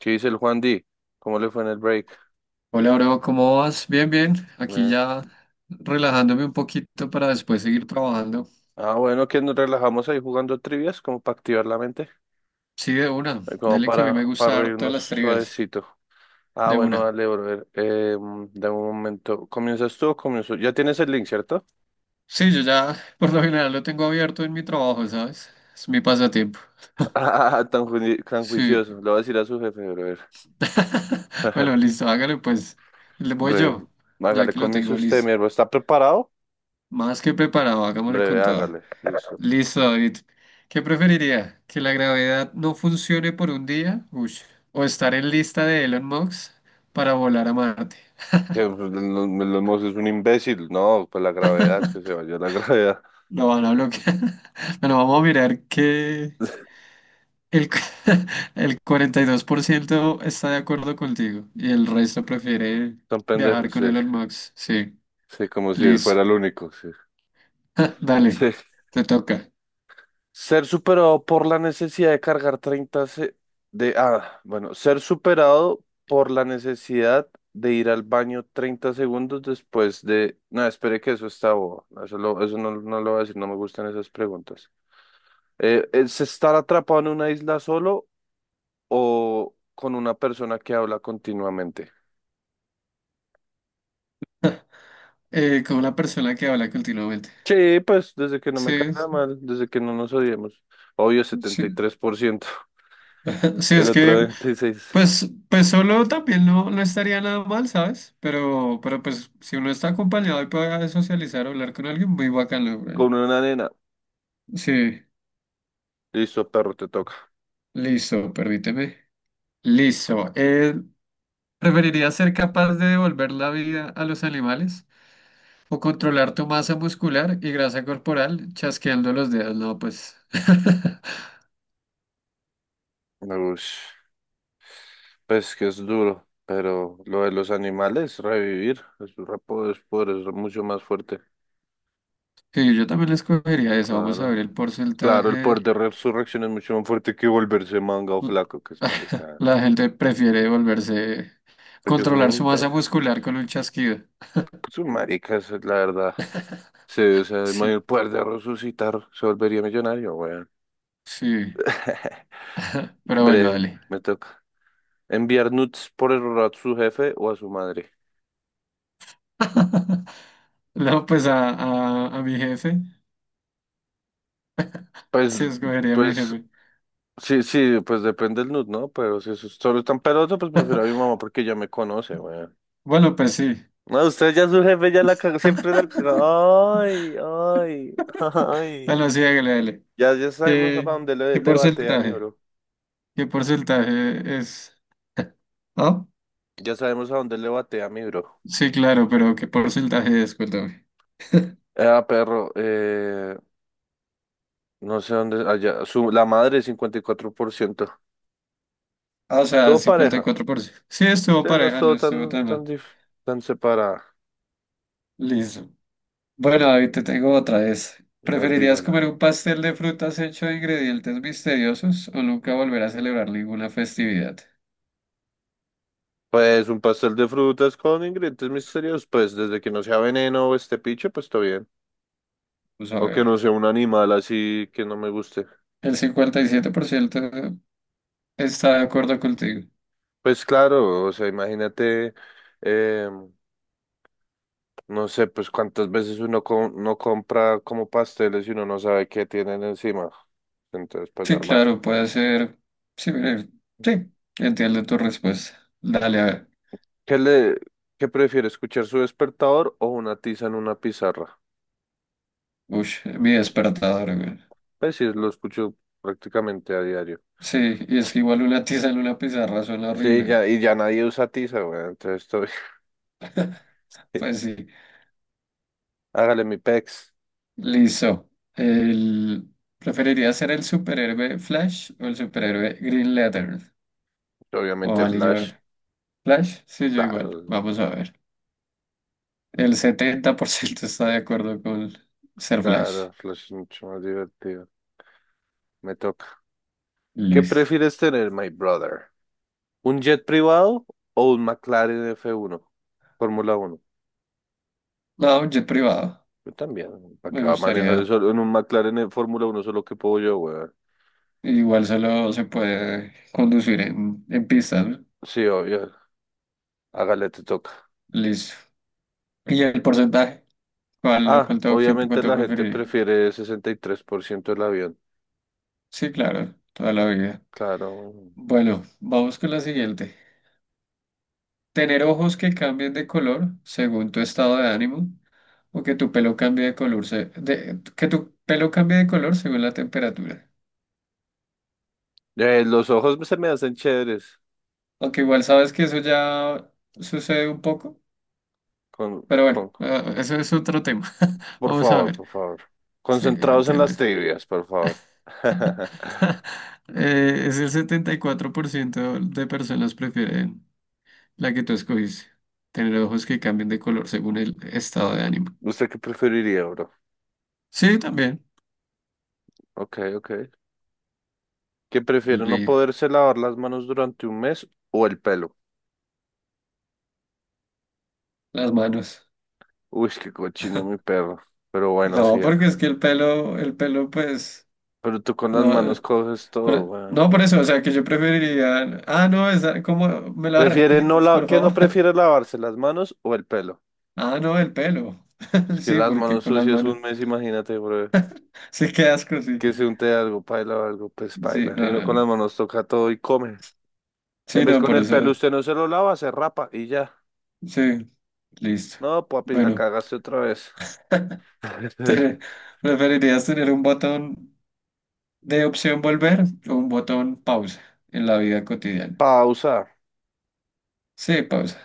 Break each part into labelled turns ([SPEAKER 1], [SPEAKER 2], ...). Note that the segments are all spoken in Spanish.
[SPEAKER 1] ¿Qué dice el Juan D? ¿Cómo le fue en el break?
[SPEAKER 2] Hola, bro, ¿cómo vas? Bien, bien. Aquí
[SPEAKER 1] Bien.
[SPEAKER 2] ya relajándome un poquito para después seguir trabajando.
[SPEAKER 1] Ah, bueno, que nos relajamos ahí jugando trivias como para activar la mente,
[SPEAKER 2] Sí, de una.
[SPEAKER 1] como
[SPEAKER 2] Dale que a mí
[SPEAKER 1] para,
[SPEAKER 2] me
[SPEAKER 1] para
[SPEAKER 2] gusta harto
[SPEAKER 1] reírnos
[SPEAKER 2] las trivias.
[SPEAKER 1] suavecito. Ah,
[SPEAKER 2] De
[SPEAKER 1] bueno,
[SPEAKER 2] una.
[SPEAKER 1] dale, brother. Dame un momento. ¿Comienzas tú o comienzo? Ya tienes el link, ¿cierto?
[SPEAKER 2] Sí, yo ya por lo general lo tengo abierto en mi trabajo, ¿sabes? Es mi pasatiempo.
[SPEAKER 1] Ah, tan, tan
[SPEAKER 2] Sí.
[SPEAKER 1] juicioso. Le voy a decir a su jefe, brother.
[SPEAKER 2] Bueno, listo, hágale pues. Le voy
[SPEAKER 1] Breve.
[SPEAKER 2] yo, ya
[SPEAKER 1] Hágale,
[SPEAKER 2] que lo
[SPEAKER 1] comienza
[SPEAKER 2] tengo
[SPEAKER 1] usted,
[SPEAKER 2] listo.
[SPEAKER 1] mierda. ¿Está preparado?
[SPEAKER 2] Más que preparado, hagámosle
[SPEAKER 1] Breve,
[SPEAKER 2] con todo.
[SPEAKER 1] hágale. Listo.
[SPEAKER 2] Listo, David. ¿Qué preferiría? ¿Que la gravedad no funcione por un día? Ush. ¿O estar en lista de Elon Musk para volar a Marte?
[SPEAKER 1] Que, pues, es un imbécil. No, pues la gravedad, que se vaya la gravedad.
[SPEAKER 2] Lo van a bloquear. Bueno, vamos a mirar que el, cu- el 42% está de acuerdo contigo y el resto prefiere
[SPEAKER 1] Son
[SPEAKER 2] viajar
[SPEAKER 1] pendejos, sí.
[SPEAKER 2] con Elon Musk. Sí,
[SPEAKER 1] Sí, como si él
[SPEAKER 2] listo.
[SPEAKER 1] fuera el único, sí.
[SPEAKER 2] Dale,
[SPEAKER 1] Sí.
[SPEAKER 2] te toca.
[SPEAKER 1] Ser superado por la necesidad de cargar 30 se- de ah, bueno, ser superado por la necesidad de ir al baño 30 segundos después de no, espere que eso está bobo. No, eso, eso no, no lo voy a decir, no me gustan esas preguntas. ¿Es estar atrapado en una isla solo o con una persona que habla continuamente?
[SPEAKER 2] Como la persona que habla continuamente.
[SPEAKER 1] Sí, pues desde que no me
[SPEAKER 2] Sí,
[SPEAKER 1] caiga mal, desde que no nos odiemos. Obvio, setenta y
[SPEAKER 2] sí.
[SPEAKER 1] tres por ciento
[SPEAKER 2] Sí,
[SPEAKER 1] el
[SPEAKER 2] es
[SPEAKER 1] otro
[SPEAKER 2] que...
[SPEAKER 1] 26.
[SPEAKER 2] Pues solo también no, no estaría nada mal, ¿sabes? Pero pues si uno está acompañado y puede socializar o hablar con alguien, muy bacano, güey.
[SPEAKER 1] Con una nena.
[SPEAKER 2] Sí,
[SPEAKER 1] Listo, perro, te toca.
[SPEAKER 2] listo, permíteme. Listo. ¿Preferirías ser capaz de devolver la vida a los animales o controlar tu masa muscular y grasa corporal chasqueando los dedos? No, pues.
[SPEAKER 1] Ush, pues que es duro, pero lo de los animales, revivir, es poder, es mucho más fuerte.
[SPEAKER 2] Sí, yo también escogería eso. Vamos a ver
[SPEAKER 1] Claro.
[SPEAKER 2] el
[SPEAKER 1] Claro, el poder
[SPEAKER 2] porcentaje.
[SPEAKER 1] de resurrección es mucho más fuerte que volverse manga o
[SPEAKER 2] L-
[SPEAKER 1] flaco, que es marica.
[SPEAKER 2] La gente prefiere volverse,
[SPEAKER 1] Porque son
[SPEAKER 2] controlar su masa
[SPEAKER 1] imbéciles.
[SPEAKER 2] muscular con un chasquido.
[SPEAKER 1] Son maricas, la verdad. Sí, o sea, el
[SPEAKER 2] Sí,
[SPEAKER 1] mayor poder de resucitar se volvería millonario, weón.
[SPEAKER 2] sí. Pero bueno,
[SPEAKER 1] Bre,
[SPEAKER 2] dale.
[SPEAKER 1] me toca. Enviar nudes por error a su jefe o a su madre.
[SPEAKER 2] No, pues a mi jefe.
[SPEAKER 1] Pues,
[SPEAKER 2] Sí, escogería a mi
[SPEAKER 1] pues,
[SPEAKER 2] jefe.
[SPEAKER 1] sí, sí, pues depende del nud, ¿no? Pero si es solo tan peloso, pues prefiero a mi mamá porque ya me conoce, weón.
[SPEAKER 2] Bueno, pues sí.
[SPEAKER 1] No, usted ya su jefe ya la cagó, siempre la cagó. Ay, ay, ay.
[SPEAKER 2] Bueno, sí, hágale, dale.
[SPEAKER 1] Ya sabemos a pa'
[SPEAKER 2] ¿Qué,
[SPEAKER 1] dónde le,
[SPEAKER 2] qué
[SPEAKER 1] le batea mi
[SPEAKER 2] porcentaje?
[SPEAKER 1] bro.
[SPEAKER 2] ¿Qué porcentaje es? ¿Ah?
[SPEAKER 1] Ya sabemos a dónde le batea mi bro.
[SPEAKER 2] Sí, claro, pero ¿qué porcentaje es? Cuéntame.
[SPEAKER 1] Ah, perro, no sé dónde, allá, su, la madre 54%.
[SPEAKER 2] Ah, o sea,
[SPEAKER 1] Todo
[SPEAKER 2] cincuenta y
[SPEAKER 1] pareja.
[SPEAKER 2] cuatro por ciento. Sí, estuvo
[SPEAKER 1] Sí, no es
[SPEAKER 2] pareja, no
[SPEAKER 1] todo
[SPEAKER 2] estuvo tan mal.
[SPEAKER 1] tan separada.
[SPEAKER 2] Listo. Bueno, David, te tengo otra vez.
[SPEAKER 1] A ver,
[SPEAKER 2] ¿Preferirías comer
[SPEAKER 1] dígalo.
[SPEAKER 2] un pastel de frutas hecho de ingredientes misteriosos o nunca volver a celebrar ninguna festividad?
[SPEAKER 1] Pues un pastel de frutas con ingredientes misteriosos, pues desde que no sea veneno o este picho, pues todo bien.
[SPEAKER 2] Vamos a
[SPEAKER 1] O que no
[SPEAKER 2] ver.
[SPEAKER 1] sea un animal así que no me guste.
[SPEAKER 2] El 57% está de acuerdo contigo.
[SPEAKER 1] Pues claro, o sea, imagínate, eh, no sé, pues cuántas veces uno no compra como pasteles y uno no sabe qué tienen encima. Entonces, pues
[SPEAKER 2] Sí,
[SPEAKER 1] normal.
[SPEAKER 2] claro, puede ser. Sí, mire, sí, entiendo tu respuesta. Dale, a ver.
[SPEAKER 1] ¿Qué le, qué prefiere, escuchar su despertador o una tiza en una pizarra?
[SPEAKER 2] Uy, mi despertador, güey.
[SPEAKER 1] Pues sí, lo escucho prácticamente a diario.
[SPEAKER 2] Sí, y es que igual una tiza en una pizarra suena
[SPEAKER 1] Sí,
[SPEAKER 2] horrible.
[SPEAKER 1] ya, y ya nadie usa tiza, güey, entonces estoy.
[SPEAKER 2] Pues sí.
[SPEAKER 1] Hágale mi pex.
[SPEAKER 2] Listo. El... preferiría ser el superhéroe Flash o el superhéroe Green Lantern o
[SPEAKER 1] Obviamente
[SPEAKER 2] Valley
[SPEAKER 1] Flash.
[SPEAKER 2] Jordan. Flash, sí, yo igual.
[SPEAKER 1] Claro,
[SPEAKER 2] Vamos a ver. El 70% está de acuerdo con ser Flash.
[SPEAKER 1] claro, Flash es mucho más divertido. Me toca. ¿Qué
[SPEAKER 2] Listo.
[SPEAKER 1] prefieres tener, my brother? ¿Un jet privado o un McLaren F1, Fórmula 1?
[SPEAKER 2] No, jet privado.
[SPEAKER 1] Yo también. ¿Para
[SPEAKER 2] Me
[SPEAKER 1] qué va a manejar
[SPEAKER 2] gustaría.
[SPEAKER 1] eso en un McLaren en Fórmula 1? ¿Solo que puedo yo, weón?
[SPEAKER 2] Igual solo se puede conducir en, pistas, ¿no?
[SPEAKER 1] Sí, obvio. Hágale, te toca.
[SPEAKER 2] Listo. ¿Y el porcentaje? ¿Cuál,
[SPEAKER 1] Ah,
[SPEAKER 2] cuánto tiempo,
[SPEAKER 1] obviamente
[SPEAKER 2] cuánto
[SPEAKER 1] la gente
[SPEAKER 2] preferiría?
[SPEAKER 1] prefiere 63% el avión.
[SPEAKER 2] Sí, claro, toda la vida.
[SPEAKER 1] Claro.
[SPEAKER 2] Bueno, vamos con la siguiente. Tener ojos que cambien de color según tu estado de ánimo o que tu pelo cambie de color, que tu pelo cambie de color según la temperatura.
[SPEAKER 1] Los ojos se me hacen chéveres
[SPEAKER 2] Aunque igual sabes que eso ya sucede un poco,
[SPEAKER 1] con,
[SPEAKER 2] pero bueno,
[SPEAKER 1] con,
[SPEAKER 2] eso es otro tema.
[SPEAKER 1] por
[SPEAKER 2] Vamos a
[SPEAKER 1] favor,
[SPEAKER 2] ver.
[SPEAKER 1] por favor.
[SPEAKER 2] Sí,
[SPEAKER 1] Concentrados en las
[SPEAKER 2] tiene-
[SPEAKER 1] trivias, por favor.
[SPEAKER 2] es el 74% de personas prefieren la que tú escogiste. Tener ojos que cambien de color según el estado de ánimo.
[SPEAKER 1] ¿Usted qué preferiría, bro?
[SPEAKER 2] Sí, también.
[SPEAKER 1] Ok, ok. ¿Qué prefiere, no
[SPEAKER 2] Li-
[SPEAKER 1] poderse lavar las manos durante un mes o el pelo?
[SPEAKER 2] Las manos.
[SPEAKER 1] Uy, qué cochino mi perro. Pero bueno,
[SPEAKER 2] No,
[SPEAKER 1] sí.
[SPEAKER 2] porque es
[SPEAKER 1] Ah.
[SPEAKER 2] que el pelo, pues,
[SPEAKER 1] Pero tú con las manos
[SPEAKER 2] no,
[SPEAKER 1] coges todo, weón.
[SPEAKER 2] no por eso, o sea, que yo preferiría, no, esa, ¿cómo me la
[SPEAKER 1] ¿Prefiere no
[SPEAKER 2] repites,
[SPEAKER 1] la...
[SPEAKER 2] por
[SPEAKER 1] ¿Qué no
[SPEAKER 2] favor?
[SPEAKER 1] prefiere lavarse, las manos o el pelo?
[SPEAKER 2] Ah, no, el pelo,
[SPEAKER 1] Es que
[SPEAKER 2] sí,
[SPEAKER 1] las
[SPEAKER 2] porque
[SPEAKER 1] manos
[SPEAKER 2] con las
[SPEAKER 1] sucias
[SPEAKER 2] manos,
[SPEAKER 1] un mes, imagínate, bro.
[SPEAKER 2] sí, qué asco, sí,
[SPEAKER 1] Que se unte algo, paila o algo, pues
[SPEAKER 2] sí,
[SPEAKER 1] paila. Y
[SPEAKER 2] no,
[SPEAKER 1] uno
[SPEAKER 2] no,
[SPEAKER 1] con las
[SPEAKER 2] no,
[SPEAKER 1] manos toca todo y come. En
[SPEAKER 2] sí,
[SPEAKER 1] vez
[SPEAKER 2] no,
[SPEAKER 1] con
[SPEAKER 2] por
[SPEAKER 1] el
[SPEAKER 2] eso,
[SPEAKER 1] pelo usted no se lo lava, se rapa y ya.
[SPEAKER 2] sí, listo.
[SPEAKER 1] No, papi, la
[SPEAKER 2] Bueno,
[SPEAKER 1] cagaste otra vez.
[SPEAKER 2] te- ¿preferirías tener un botón de opción volver o un botón pausa en la vida cotidiana?
[SPEAKER 1] Pausa.
[SPEAKER 2] Sí, pausa,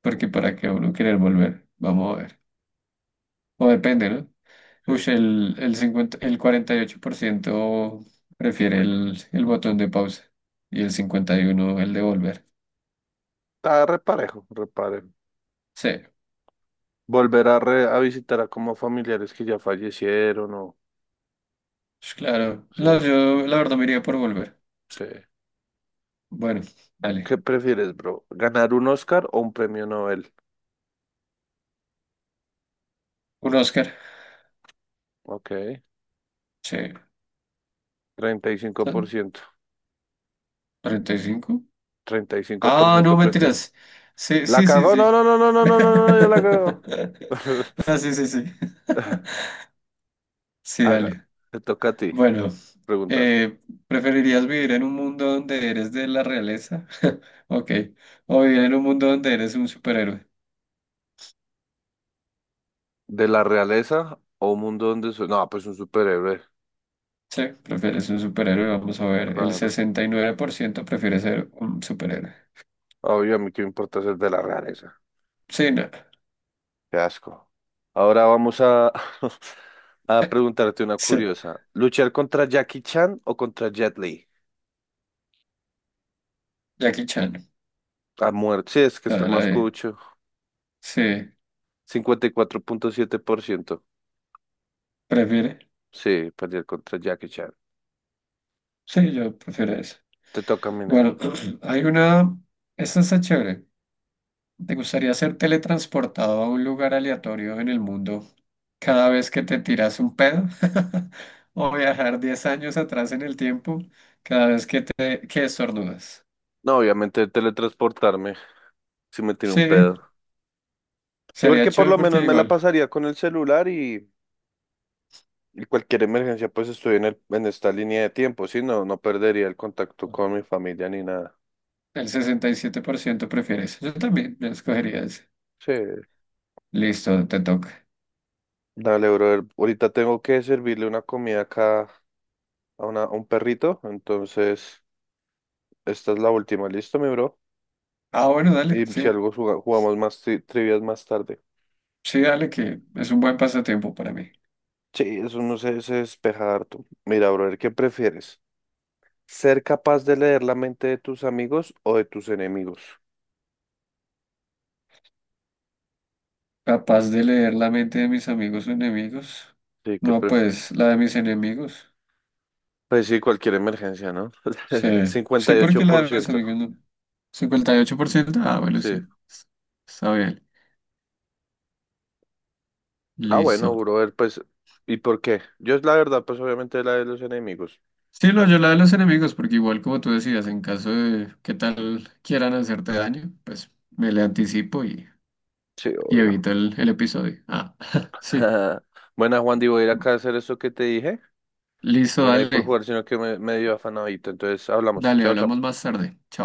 [SPEAKER 2] porque para qué uno querer volver, vamos a ver, o depende, ¿no?
[SPEAKER 1] Sí.
[SPEAKER 2] Uy, el 48% prefiere el botón de pausa y el 51% el de volver.
[SPEAKER 1] Está reparejo, reparejo.
[SPEAKER 2] Sí,
[SPEAKER 1] Volver a, a visitar a como familiares que ya fallecieron o.
[SPEAKER 2] pues claro.
[SPEAKER 1] Sí,
[SPEAKER 2] No, yo la verdad me iría por volver.
[SPEAKER 1] sí.
[SPEAKER 2] Bueno,
[SPEAKER 1] ¿Qué
[SPEAKER 2] dale.
[SPEAKER 1] prefieres, bro? ¿Ganar un Oscar o un premio Nobel?
[SPEAKER 2] Un Oscar.
[SPEAKER 1] Ok,
[SPEAKER 2] Sí.
[SPEAKER 1] treinta y cinco
[SPEAKER 2] ¿Sale?
[SPEAKER 1] por ciento
[SPEAKER 2] 45.
[SPEAKER 1] treinta y cinco por
[SPEAKER 2] Ah, no,
[SPEAKER 1] ciento prefiere.
[SPEAKER 2] mentiras. Sí,
[SPEAKER 1] ¿La
[SPEAKER 2] sí, sí,
[SPEAKER 1] cagó?
[SPEAKER 2] sí.
[SPEAKER 1] No, no, no, no, no, no, no, no, yo la cago.
[SPEAKER 2] Ah, sí, sí, sí. Sí,
[SPEAKER 1] Haga,
[SPEAKER 2] dale.
[SPEAKER 1] te toca a ti
[SPEAKER 2] Bueno,
[SPEAKER 1] preguntar.
[SPEAKER 2] Eh, ¿preferirías vivir en un mundo donde eres de la realeza? Ok. O vivir en un mundo donde eres un superhéroe.
[SPEAKER 1] ¿De la realeza o un mundo donde soy? No, pues un superhéroe,
[SPEAKER 2] Sí, prefieres un superhéroe. Vamos a ver. El
[SPEAKER 1] claro.
[SPEAKER 2] 69% prefiere ser un superhéroe.
[SPEAKER 1] Obvio, a mí qué me importa ser de la realeza.
[SPEAKER 2] Sí, no.
[SPEAKER 1] Qué asco. Ahora vamos a, a preguntarte una
[SPEAKER 2] Sí.
[SPEAKER 1] curiosa. ¿Luchar contra Jackie Chan o contra Jet Li?
[SPEAKER 2] Jackie Chan.
[SPEAKER 1] A muerte. Sí, es que está
[SPEAKER 2] Ah, la
[SPEAKER 1] más
[SPEAKER 2] de.
[SPEAKER 1] cucho.
[SPEAKER 2] Sí.
[SPEAKER 1] 54,7%.
[SPEAKER 2] ¿Prefiere?
[SPEAKER 1] Sí, pelear contra Jackie Chan.
[SPEAKER 2] Sí, yo prefiero eso.
[SPEAKER 1] Te toca, mi neo.
[SPEAKER 2] Bueno, hay una. Esta está chévere. ¿Te gustaría ser teletransportado a un lugar aleatorio en el mundo cada vez que te tiras un pedo o viajar 10 años atrás en el tiempo cada vez que te que estornudas.
[SPEAKER 1] No, obviamente teletransportarme si me tiene
[SPEAKER 2] Sí,
[SPEAKER 1] un pedo. Sí,
[SPEAKER 2] sería
[SPEAKER 1] porque por
[SPEAKER 2] chévere
[SPEAKER 1] lo
[SPEAKER 2] porque
[SPEAKER 1] menos me la
[SPEAKER 2] igual
[SPEAKER 1] pasaría con el celular y cualquier emergencia, pues estoy en esta línea de tiempo, sí, no, no perdería el contacto con mi familia ni nada.
[SPEAKER 2] el 67% prefiere eso. Yo también, yo escogería ese.
[SPEAKER 1] Sí,
[SPEAKER 2] Listo, te toca.
[SPEAKER 1] dale, brother. Ahorita tengo que servirle una comida acá a un perrito, entonces esta es la última, listo, mi bro.
[SPEAKER 2] Ah, bueno, dale,
[SPEAKER 1] Y si
[SPEAKER 2] sí,
[SPEAKER 1] algo jugamos más trivias más tarde.
[SPEAKER 2] sí, dale, que es un buen pasatiempo para mí.
[SPEAKER 1] Sí, eso no se despeja harto. Mira, brother, ¿qué prefieres? ¿Ser capaz de leer la mente de tus amigos o de tus enemigos?
[SPEAKER 2] Capaz de leer la mente de mis amigos o enemigos.
[SPEAKER 1] Sí, que
[SPEAKER 2] No, pues la de mis enemigos.
[SPEAKER 1] pues sí, cualquier emergencia, ¿no?
[SPEAKER 2] Sí, sí,
[SPEAKER 1] cincuenta y ocho
[SPEAKER 2] porque la
[SPEAKER 1] por
[SPEAKER 2] de mis
[SPEAKER 1] ciento
[SPEAKER 2] amigos no. 58%. Ah, bueno,
[SPEAKER 1] Sí.
[SPEAKER 2] sí. Está bien.
[SPEAKER 1] Ah, bueno,
[SPEAKER 2] Listo.
[SPEAKER 1] brother, pues, ¿y por qué? Yo la verdad, pues obviamente la de los enemigos.
[SPEAKER 2] Sí, lo yo la de los enemigos, porque igual como tú decías, en caso de que tal quieran hacerte daño, pues me le anticipo y,
[SPEAKER 1] Sí,
[SPEAKER 2] y
[SPEAKER 1] obvio.
[SPEAKER 2] evito el episodio. Ah, sí.
[SPEAKER 1] Buena, Juan, Di, voy a ir acá a hacer eso que te dije.
[SPEAKER 2] Listo,
[SPEAKER 1] Bueno, ahí por
[SPEAKER 2] dale.
[SPEAKER 1] jugar, sino que me dio afanadito. Entonces, hablamos.
[SPEAKER 2] Dale,
[SPEAKER 1] Chao, chao.
[SPEAKER 2] hablamos más tarde. Chao.